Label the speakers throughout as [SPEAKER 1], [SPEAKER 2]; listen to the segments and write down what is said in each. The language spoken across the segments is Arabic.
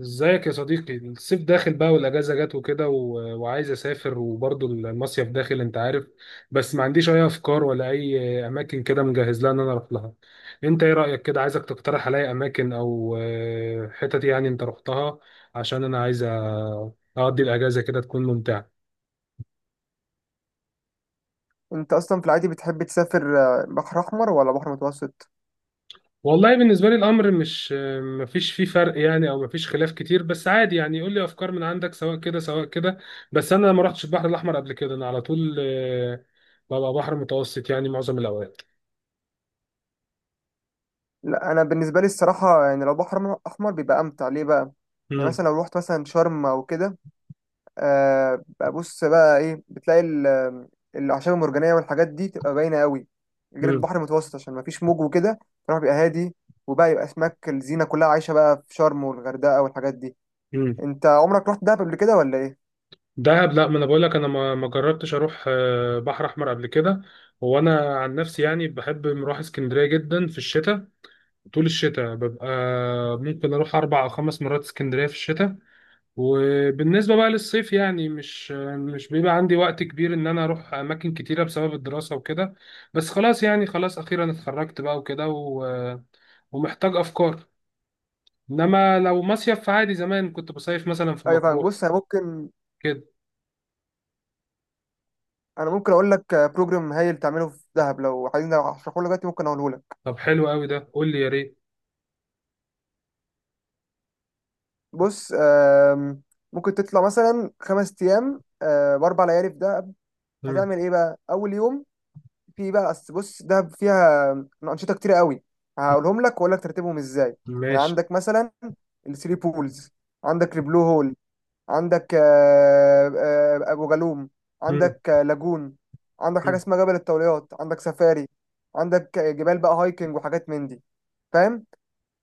[SPEAKER 1] ازيك يا صديقي؟ الصيف داخل بقى والاجازه جت وكده وعايز اسافر وبرضه المصيف داخل، انت عارف. بس ما عنديش اي افكار ولا اي اماكن كده مجهز لها ان انا اروح لها. انت ايه رايك؟ كده عايزك تقترح عليا اماكن او حتت يعني انت رحتها. عشان انا عايز اقضي الاجازه كده تكون ممتعه.
[SPEAKER 2] انت اصلا في العادي بتحب تسافر، بحر احمر ولا بحر متوسط؟
[SPEAKER 1] والله بالنسبة لي الأمر مش مفيش فيه فرق يعني، أو مفيش خلاف كتير. بس عادي يعني يقول لي أفكار من عندك، سواء كده سواء كده. بس أنا ما رحتش البحر الأحمر قبل كده، أنا على طول ببقى بحر متوسط يعني معظم الأوقات.
[SPEAKER 2] لا، انا بالنسبه لي الصراحه يعني لو بحر احمر بيبقى امتع ليه بقى. يعني
[SPEAKER 1] مم.
[SPEAKER 2] مثلا لو رحت مثلا شرم او كده. آه بقى بص بقى ايه، بتلاقي الاعشاب المرجانيه والحاجات دي تبقى باينه قوي غير
[SPEAKER 1] مم.
[SPEAKER 2] البحر المتوسط، عشان ما فيش موج وكده. فالبحر بيبقى هادي، وبقى يبقى اسماك الزينه كلها عايشه بقى في شرم والغردقه والحاجات دي.
[SPEAKER 1] مم.
[SPEAKER 2] انت عمرك رحت دهب قبل كده ولا ايه؟
[SPEAKER 1] دهب؟ لا، ما أنا بقول لك أنا ما جربتش أروح بحر أحمر قبل كده. وأنا عن نفسي يعني بحب أروح اسكندرية جدا في الشتاء، طول الشتاء ببقى ممكن أروح أربع أو خمس مرات اسكندرية في الشتاء. وبالنسبة بقى للصيف يعني مش بيبقى عندي وقت كبير ان انا اروح اماكن كتيرة بسبب الدراسة وكده. بس خلاص يعني خلاص اخيرا اتخرجت بقى وكده و... ومحتاج افكار. انما لو مصيف فعادي، زمان كنت بصيف مثلا في
[SPEAKER 2] ايوه، فاهم.
[SPEAKER 1] مطروح
[SPEAKER 2] بص، انا ممكن
[SPEAKER 1] كده.
[SPEAKER 2] انا ممكن اقول لك بروجرام هايل تعمله في دهب لو عايزين. لو هشرحه لك دلوقتي، ممكن اقوله لك.
[SPEAKER 1] طب حلو قوي ده، قول لي يا ريت.
[SPEAKER 2] بص، ممكن تطلع مثلا 5 ايام ب4 ليالي في دهب.
[SPEAKER 1] مم.
[SPEAKER 2] هتعمل ايه بقى اول يوم؟ في بقى أصل، بص، دهب فيها انشطه كتير قوي، هقولهم لك واقول لك ترتيبهم ازاي. يعني
[SPEAKER 1] ماشي.
[SPEAKER 2] عندك مثلا الثري بولز، عندك البلو هول، عندك ابو جالوم،
[SPEAKER 1] مم.
[SPEAKER 2] عندك لاجون، عندك حاجه
[SPEAKER 1] مم.
[SPEAKER 2] اسمها جبل الطوليات، عندك سفاري، عندك جبال بقى هايكنج وحاجات من دي، فاهم.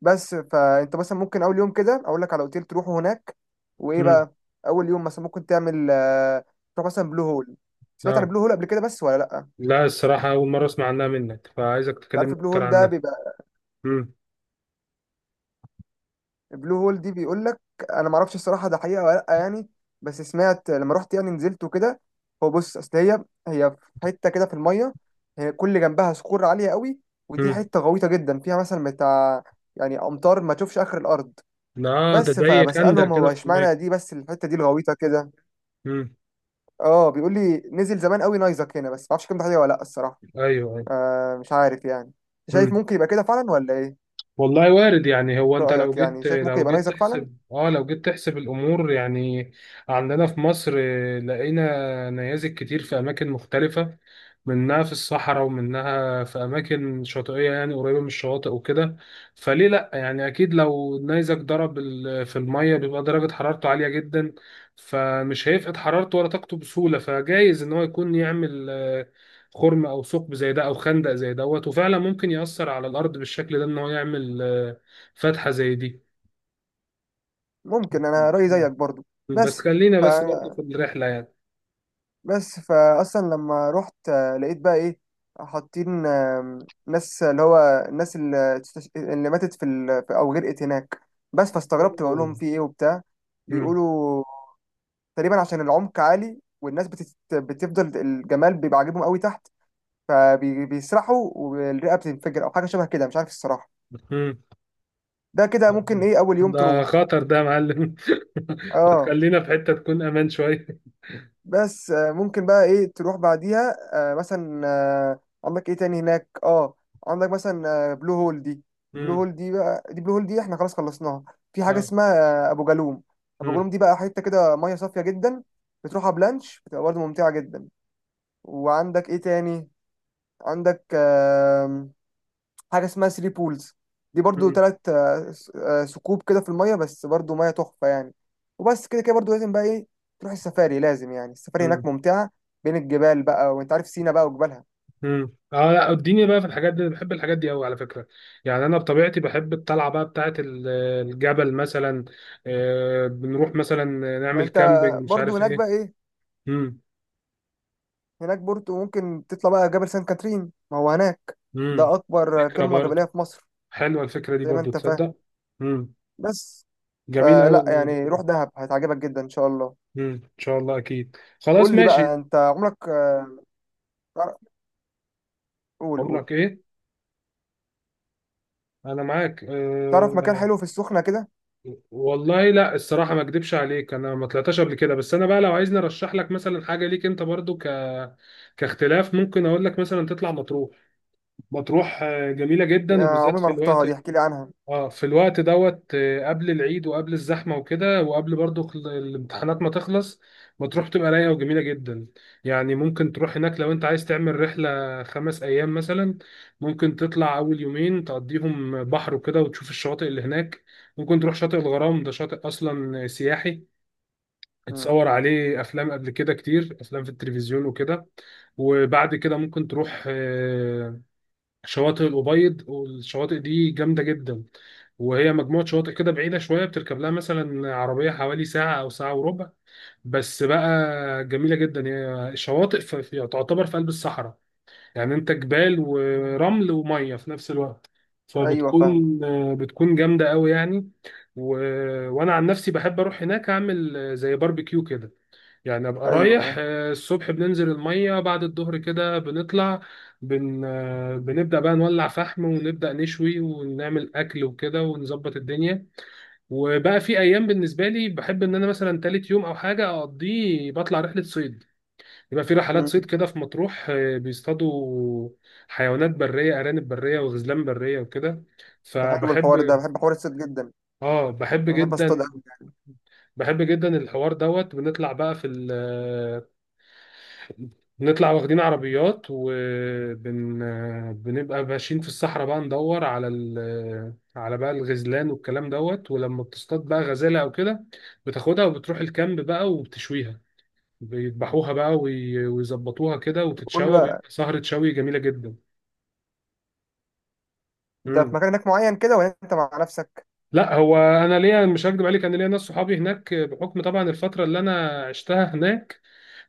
[SPEAKER 2] بس فانت مثلا ممكن اول يوم كده اقول لك على اوتيل تروحه هناك، وايه
[SPEAKER 1] مم.
[SPEAKER 2] بقى. اول يوم مثلا ممكن تعمل تروح مثلا بلو هول. سمعت عن
[SPEAKER 1] اه.
[SPEAKER 2] بلو هول قبل كده بس ولا لا انت؟
[SPEAKER 1] لا، الصراحة أول مرة أسمع عنها منك، فعايزك
[SPEAKER 2] عارف
[SPEAKER 1] تكلمني
[SPEAKER 2] البلو
[SPEAKER 1] أكتر
[SPEAKER 2] هول ده
[SPEAKER 1] عنها.
[SPEAKER 2] بيبقى.
[SPEAKER 1] مم.
[SPEAKER 2] بلو هول دي بيقول لك، انا ما اعرفش الصراحه ده حقيقه ولا لا يعني، بس سمعت لما رحت يعني نزلت وكده. هو بص، اصل هي في حته كده في الميه، هي كل جنبها صخور عاليه قوي، ودي
[SPEAKER 1] مم.
[SPEAKER 2] حته غويطه جدا فيها، مثلا بتاع، يعني امتار ما تشوفش اخر الارض.
[SPEAKER 1] لا، ده
[SPEAKER 2] بس
[SPEAKER 1] زي خندق
[SPEAKER 2] فبسالهم، هو
[SPEAKER 1] كده في المية.
[SPEAKER 2] اشمعنى دي بس الحته دي الغويطه كده؟
[SPEAKER 1] مم.
[SPEAKER 2] اه، بيقول لي نزل زمان قوي نايزك هنا، بس ما اعرفش كام ده حقيقه ولا لا الصراحه.
[SPEAKER 1] أيوه.
[SPEAKER 2] مش عارف يعني. شايف
[SPEAKER 1] أيوه،
[SPEAKER 2] ممكن يبقى كده فعلا ولا ايه؟
[SPEAKER 1] والله وارد يعني. هو انت لو
[SPEAKER 2] رايك يعني،
[SPEAKER 1] جيت،
[SPEAKER 2] شايف ممكن
[SPEAKER 1] لو
[SPEAKER 2] يبقى
[SPEAKER 1] جيت
[SPEAKER 2] نايزك فعلا؟
[SPEAKER 1] تحسب، اه، لو جيت تحسب الامور يعني. عندنا في مصر لقينا نيازك كتير في اماكن مختلفة، منها في الصحراء ومنها في أماكن شاطئية يعني قريبة من الشواطئ وكده. فليه لأ؟ يعني أكيد لو النيزك ضرب في المية، بيبقى درجة حرارته عالية جدا، فمش هيفقد حرارته ولا طاقته بسهولة. فجايز إن هو يكون يعمل خرم أو ثقب زي ده أو خندق زي دوت. وفعلا ممكن يأثر على الأرض بالشكل ده، إن هو يعمل فتحة زي دي.
[SPEAKER 2] ممكن، انا رايي زيك برضو.
[SPEAKER 1] مم. بس
[SPEAKER 2] بس
[SPEAKER 1] خلينا
[SPEAKER 2] ف
[SPEAKER 1] بس برضه في الرحلة يعني.
[SPEAKER 2] بس فاصلا لما رحت، لقيت بقى ايه؟ حاطين، ناس اللي هو الناس اللي، اللي ماتت في، في او غرقت هناك. بس فاستغربت، بقول لهم
[SPEAKER 1] أوه.
[SPEAKER 2] في ايه وبتاع.
[SPEAKER 1] مم.
[SPEAKER 2] بيقولوا تقريبا عشان العمق عالي، والناس بتفضل الجمال بيبقى عاجبهم قوي تحت، فبيسرحوا والرئه بتنفجر او حاجه شبه كده، مش عارف الصراحه.
[SPEAKER 1] مم.
[SPEAKER 2] ده كده، ممكن ايه اول يوم
[SPEAKER 1] ده
[SPEAKER 2] تروح.
[SPEAKER 1] خطر ده يا معلم. ما
[SPEAKER 2] اه،
[SPEAKER 1] تخلينا في حتة تكون امان شوية.
[SPEAKER 2] بس ممكن بقى ايه تروح بعديها. مثلا عندك ايه تاني هناك، عندك مثلا، بلو هول دي. بلو
[SPEAKER 1] امم.
[SPEAKER 2] هول دي بقى دي بلو هول دي احنا خلاص خلصناها. في حاجه
[SPEAKER 1] اه.
[SPEAKER 2] اسمها ابو جالوم. ابو
[SPEAKER 1] امم.
[SPEAKER 2] جالوم دي بقى حته كده، ميه صافيه جدا، بتروحها بلانش، بتبقى برضه ممتعه جدا. وعندك ايه تاني؟ عندك حاجه اسمها ثري بولز، دي برضو
[SPEAKER 1] امم.
[SPEAKER 2] تلات ثقوب كده في الميه، بس برضو ميه تحفه يعني. وبس كده كده برضو، لازم بقى ايه، تروح السفاري، لازم يعني، السفاري هناك
[SPEAKER 1] امم.
[SPEAKER 2] ممتعه، بين الجبال بقى، وانت عارف سينا بقى وجبالها.
[SPEAKER 1] امم. اه لا، اديني بقى في الحاجات دي، أنا بحب الحاجات دي قوي على فكرة. يعني انا بطبيعتي بحب الطلعة بقى بتاعة الجبل مثلا. بنروح مثلا
[SPEAKER 2] ما
[SPEAKER 1] نعمل
[SPEAKER 2] انت
[SPEAKER 1] كامبينج، مش
[SPEAKER 2] برضو
[SPEAKER 1] عارف
[SPEAKER 2] هناك بقى
[SPEAKER 1] ايه.
[SPEAKER 2] ايه.
[SPEAKER 1] امم.
[SPEAKER 2] هناك برضو ممكن تطلع بقى جبل سان كاترين، ما هو هناك ده
[SPEAKER 1] امم.
[SPEAKER 2] اكبر
[SPEAKER 1] فكرة
[SPEAKER 2] قمه
[SPEAKER 1] برضه،
[SPEAKER 2] جبليه في مصر،
[SPEAKER 1] حلوة الفكرة دي
[SPEAKER 2] زي ما
[SPEAKER 1] برضه،
[SPEAKER 2] انت فاهم
[SPEAKER 1] تصدق. امم.
[SPEAKER 2] بس.
[SPEAKER 1] جميل قوي
[SPEAKER 2] فلا
[SPEAKER 1] الموضوع
[SPEAKER 2] يعني، روح
[SPEAKER 1] ده.
[SPEAKER 2] دهب هتعجبك جدا ان شاء الله.
[SPEAKER 1] امم، ان شاء الله اكيد، خلاص
[SPEAKER 2] قول لي بقى،
[SPEAKER 1] ماشي.
[SPEAKER 2] انت عمرك تعرف- قول قول،
[SPEAKER 1] عمرك ايه؟ انا معاك
[SPEAKER 2] تعرف مكان حلو في السخنه كده؟
[SPEAKER 1] والله لا الصراحة ما اكدبش عليك، انا ما طلعتش قبل كده. بس انا بقى لو عايزني ارشح لك مثلا حاجة ليك انت برضو، كاختلاف، ممكن اقول لك مثلا تطلع مطروح. مطروح جميلة جدا،
[SPEAKER 2] يا
[SPEAKER 1] وبالذات
[SPEAKER 2] عمري ما
[SPEAKER 1] في
[SPEAKER 2] رحتها
[SPEAKER 1] الوقت،
[SPEAKER 2] دي، احكي لي عنها.
[SPEAKER 1] اه، في الوقت دوت قبل العيد وقبل الزحمه وكده، وقبل برضو الامتحانات ما تخلص، بتروح تبقى رايقه وجميله جدا. يعني ممكن تروح هناك لو انت عايز تعمل رحله 5 ايام مثلا. ممكن تطلع اول يومين تقضيهم بحر وكده وتشوف الشواطئ اللي هناك. ممكن تروح شاطئ الغرام، ده شاطئ اصلا سياحي،
[SPEAKER 2] مم.
[SPEAKER 1] اتصور عليه افلام قبل كده، كتير افلام في التلفزيون وكده. وبعد كده ممكن تروح شواطئ الأبيض، والشواطئ دي جامدة جدا. وهي مجموعة شواطئ كده بعيدة شوية، بتركب لها مثلا عربية حوالي ساعة أو ساعة وربع، بس بقى جميلة جدا. هي شواطئ تعتبر في قلب الصحراء. يعني أنت جبال ورمل ومية في نفس الوقت،
[SPEAKER 2] ايوه، فاهم.
[SPEAKER 1] فبتكون بتكون جامدة قوي يعني. و... وأنا عن نفسي بحب أروح هناك أعمل زي باربيكيو كده. يعني ابقى
[SPEAKER 2] ايوه،
[SPEAKER 1] رايح
[SPEAKER 2] فاهم.
[SPEAKER 1] الصبح، بننزل الميه، بعد الظهر كده بنطلع، بن آه، بنبدا بقى نولع فحم ونبدا نشوي ونعمل اكل وكده ونظبط الدنيا. وبقى في ايام بالنسبه لي بحب ان انا مثلا تالت يوم او حاجه اقضيه بطلع رحله صيد. يبقى في رحلات صيد
[SPEAKER 2] مم.
[SPEAKER 1] كده في مطروح بيصطادوا حيوانات بريه، ارانب بريه وغزلان بريه وكده.
[SPEAKER 2] ده حلو الحوار ده،
[SPEAKER 1] فبحب،
[SPEAKER 2] بحب حوار الصيد جدا.
[SPEAKER 1] اه بحب
[SPEAKER 2] أنا بحب اصطاد
[SPEAKER 1] جدا،
[SPEAKER 2] قوي.
[SPEAKER 1] بحب جدا الحوار دوت. بنطلع بقى في نطلع واخدين عربيات، بنبقى ماشيين في الصحراء بقى ندور على على بقى الغزلان والكلام دوت. ولما بتصطاد بقى غزالة او كده بتاخدها وبتروح الكامب بقى وبتشويها، بيذبحوها بقى ويظبطوها كده
[SPEAKER 2] قول لي
[SPEAKER 1] وتتشوى،
[SPEAKER 2] بقى،
[SPEAKER 1] بيبقى سهرة شوي جميلة جدا.
[SPEAKER 2] ده في
[SPEAKER 1] مم.
[SPEAKER 2] مكان هناك معين كده ولا انت مع نفسك؟
[SPEAKER 1] لا هو انا ليا، مش هكدب عليك، انا ليا ناس صحابي هناك بحكم طبعا الفترة اللي انا عشتها هناك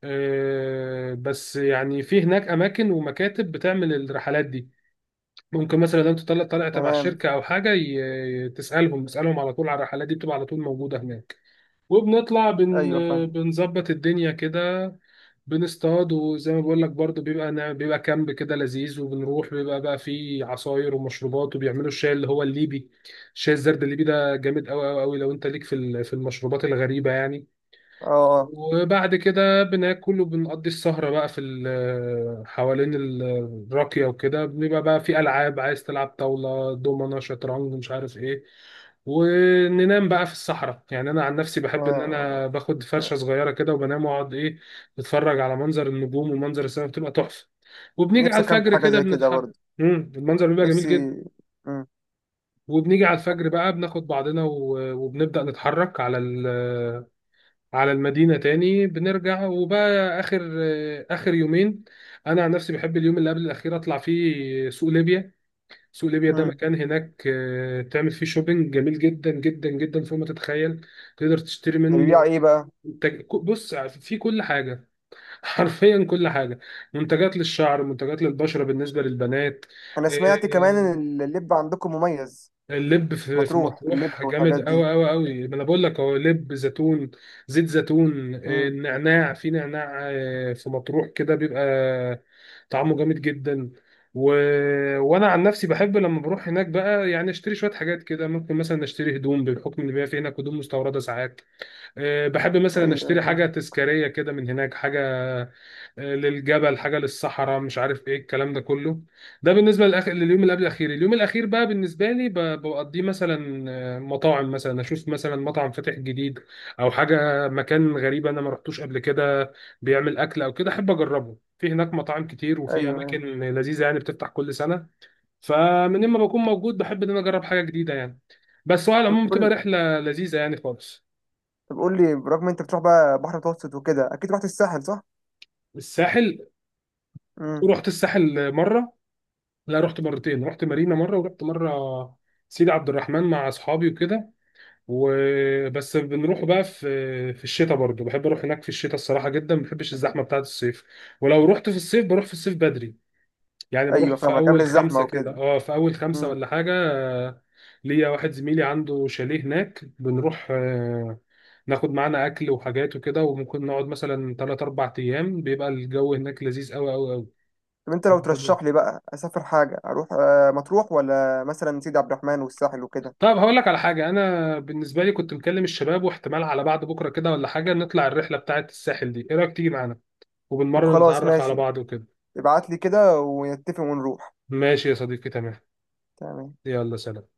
[SPEAKER 1] بس يعني في هناك اماكن ومكاتب بتعمل الرحلات دي. ممكن مثلا لو انت طالع، تبع
[SPEAKER 2] تمام.
[SPEAKER 1] الشركه او حاجه، تسالهم، تسالهم على طول على الرحلات دي بتبقى على طول موجوده هناك. وبنطلع بن
[SPEAKER 2] ايوه، فاهم.
[SPEAKER 1] بنظبط الدنيا كده، بنصطاد. وزي ما بقول لك برضو بيبقى بيبقى كامب كده لذيذ. وبنروح بيبقى بقى فيه عصاير ومشروبات، وبيعملوا الشاي اللي هو الليبي، الشاي الزرد الليبي، ده جامد قوي قوي قوي لو انت ليك في في المشروبات الغريبه يعني.
[SPEAKER 2] اه. آه.
[SPEAKER 1] وبعد كده بناكل وبنقضي السهرة بقى في حوالين الراكية وكده. بيبقى بقى في ألعاب، عايز تلعب طاولة دومنة شطرنج مش عارف إيه. وننام بقى في الصحراء. يعني أنا عن نفسي بحب إن
[SPEAKER 2] آه.
[SPEAKER 1] أنا باخد
[SPEAKER 2] آه.
[SPEAKER 1] فرشة صغيرة كده وبنام، وأقعد إيه، بتفرج على منظر النجوم ومنظر السماء، بتبقى تحفة. وبنيجي
[SPEAKER 2] نفسي
[SPEAKER 1] على
[SPEAKER 2] اكمل
[SPEAKER 1] الفجر
[SPEAKER 2] حاجه
[SPEAKER 1] كده
[SPEAKER 2] زي كده
[SPEAKER 1] بنتحرك.
[SPEAKER 2] برضه.
[SPEAKER 1] مم، المنظر بيبقى جميل
[SPEAKER 2] نفسي.
[SPEAKER 1] جدا.
[SPEAKER 2] مم.
[SPEAKER 1] وبنيجي على الفجر بقى بناخد بعضنا وبنبدأ نتحرك على على المدينة تاني بنرجع. وبقى آخر آخر يومين، أنا عن نفسي بحب اليوم اللي قبل الأخير أطلع فيه سوق ليبيا. سوق ليبيا ده
[SPEAKER 2] مم.
[SPEAKER 1] مكان هناك تعمل فيه شوبينج جميل جدا جدا جدا فوق ما تتخيل. تقدر تشتري
[SPEAKER 2] ده
[SPEAKER 1] منه
[SPEAKER 2] بيبيع ايه بقى؟
[SPEAKER 1] بص، في كل حاجة. حرفيا كل حاجة، منتجات للشعر، منتجات للبشرة بالنسبة للبنات.
[SPEAKER 2] انا سمعت كمان
[SPEAKER 1] آه،
[SPEAKER 2] ان اللب عندكم مميز.
[SPEAKER 1] اللب في في
[SPEAKER 2] مطروح اللب
[SPEAKER 1] مطروح جامد
[SPEAKER 2] والحاجات دي.
[SPEAKER 1] قوي قوي قوي، ما انا بقول لك، هو لب زيتون، زيت زيتون
[SPEAKER 2] مم.
[SPEAKER 1] نعناع، في نعناع في مطروح كده بيبقى طعمه جامد جدا. و... وانا عن نفسي بحب لما بروح هناك بقى، يعني اشتري شويه حاجات كده. ممكن مثلا اشتري هدوم بحكم ان بيبقى في هناك هدوم مستورده ساعات. بحب مثلا
[SPEAKER 2] ايوه،
[SPEAKER 1] اشتري حاجه
[SPEAKER 2] فاهم.
[SPEAKER 1] تذكاريه كده من هناك، حاجه للجبل، حاجه للصحراء، مش عارف ايه الكلام ده كله. ده بالنسبه لليوم اللي قبل الاخير. اليوم الاخير بقى بالنسبه لي بقضيه مثلا مطاعم. مثلا اشوف مثلا مطعم فاتح جديد او حاجه، مكان غريب انا ما رحتوش قبل كده بيعمل اكل او كده، احب اجربه. في هناك مطاعم كتير وفي
[SPEAKER 2] ايوه، أيوة.
[SPEAKER 1] اماكن لذيذه يعني بتفتح كل سنه، فمن ما بكون موجود بحب ان انا اجرب حاجه جديده يعني. بس هو على
[SPEAKER 2] طب
[SPEAKER 1] العموم بتبقى
[SPEAKER 2] قول
[SPEAKER 1] رحله لذيذه يعني خالص.
[SPEAKER 2] طب قول لي برغم انت بتروح بقى بحر متوسط وكده، اكيد رحت الساحل،
[SPEAKER 1] الساحل؟
[SPEAKER 2] صح؟
[SPEAKER 1] رحت الساحل مره. لا، رحت مرتين، رحت مارينا مره ورحت مره سيدي عبد الرحمن مع اصحابي وكده. وبس بنروح بقى في الشتاء برضو، بحب اروح هناك في الشتاء الصراحه جدا، ما بحبش الزحمه بتاعه الصيف. ولو رحت في الصيف بروح في الصيف بدري يعني، بروح
[SPEAKER 2] ايوه
[SPEAKER 1] في
[SPEAKER 2] فاهمك، قبل
[SPEAKER 1] اول
[SPEAKER 2] الزحمه
[SPEAKER 1] خمسه كده،
[SPEAKER 2] وكده.
[SPEAKER 1] اه في اول خمسه
[SPEAKER 2] امم.
[SPEAKER 1] ولا حاجه ليا واحد زميلي عنده شاليه هناك، بنروح ناخد معانا اكل وحاجات وكده وممكن نقعد مثلا 3 4 ايام، بيبقى الجو هناك لذيذ قوي قوي
[SPEAKER 2] طب انت لو
[SPEAKER 1] قوي.
[SPEAKER 2] ترشح لي بقى اسافر حاجه، اروح مطروح ولا مثلا سيدي عبد الرحمن والساحل وكده؟
[SPEAKER 1] طب هقول لك على حاجة، أنا بالنسبة لي كنت مكلم الشباب، واحتمال على بعد بكرة كده ولا حاجة نطلع الرحلة بتاعة الساحل دي، إيه رأيك تيجي معانا؟
[SPEAKER 2] طب
[SPEAKER 1] وبالمرة
[SPEAKER 2] خلاص،
[SPEAKER 1] نتعرف على
[SPEAKER 2] ماشي.
[SPEAKER 1] بعض وكده.
[SPEAKER 2] ابعت لي كده ونتفق ونروح.
[SPEAKER 1] ماشي يا صديقي، تمام.
[SPEAKER 2] تمام.
[SPEAKER 1] يلا سلام.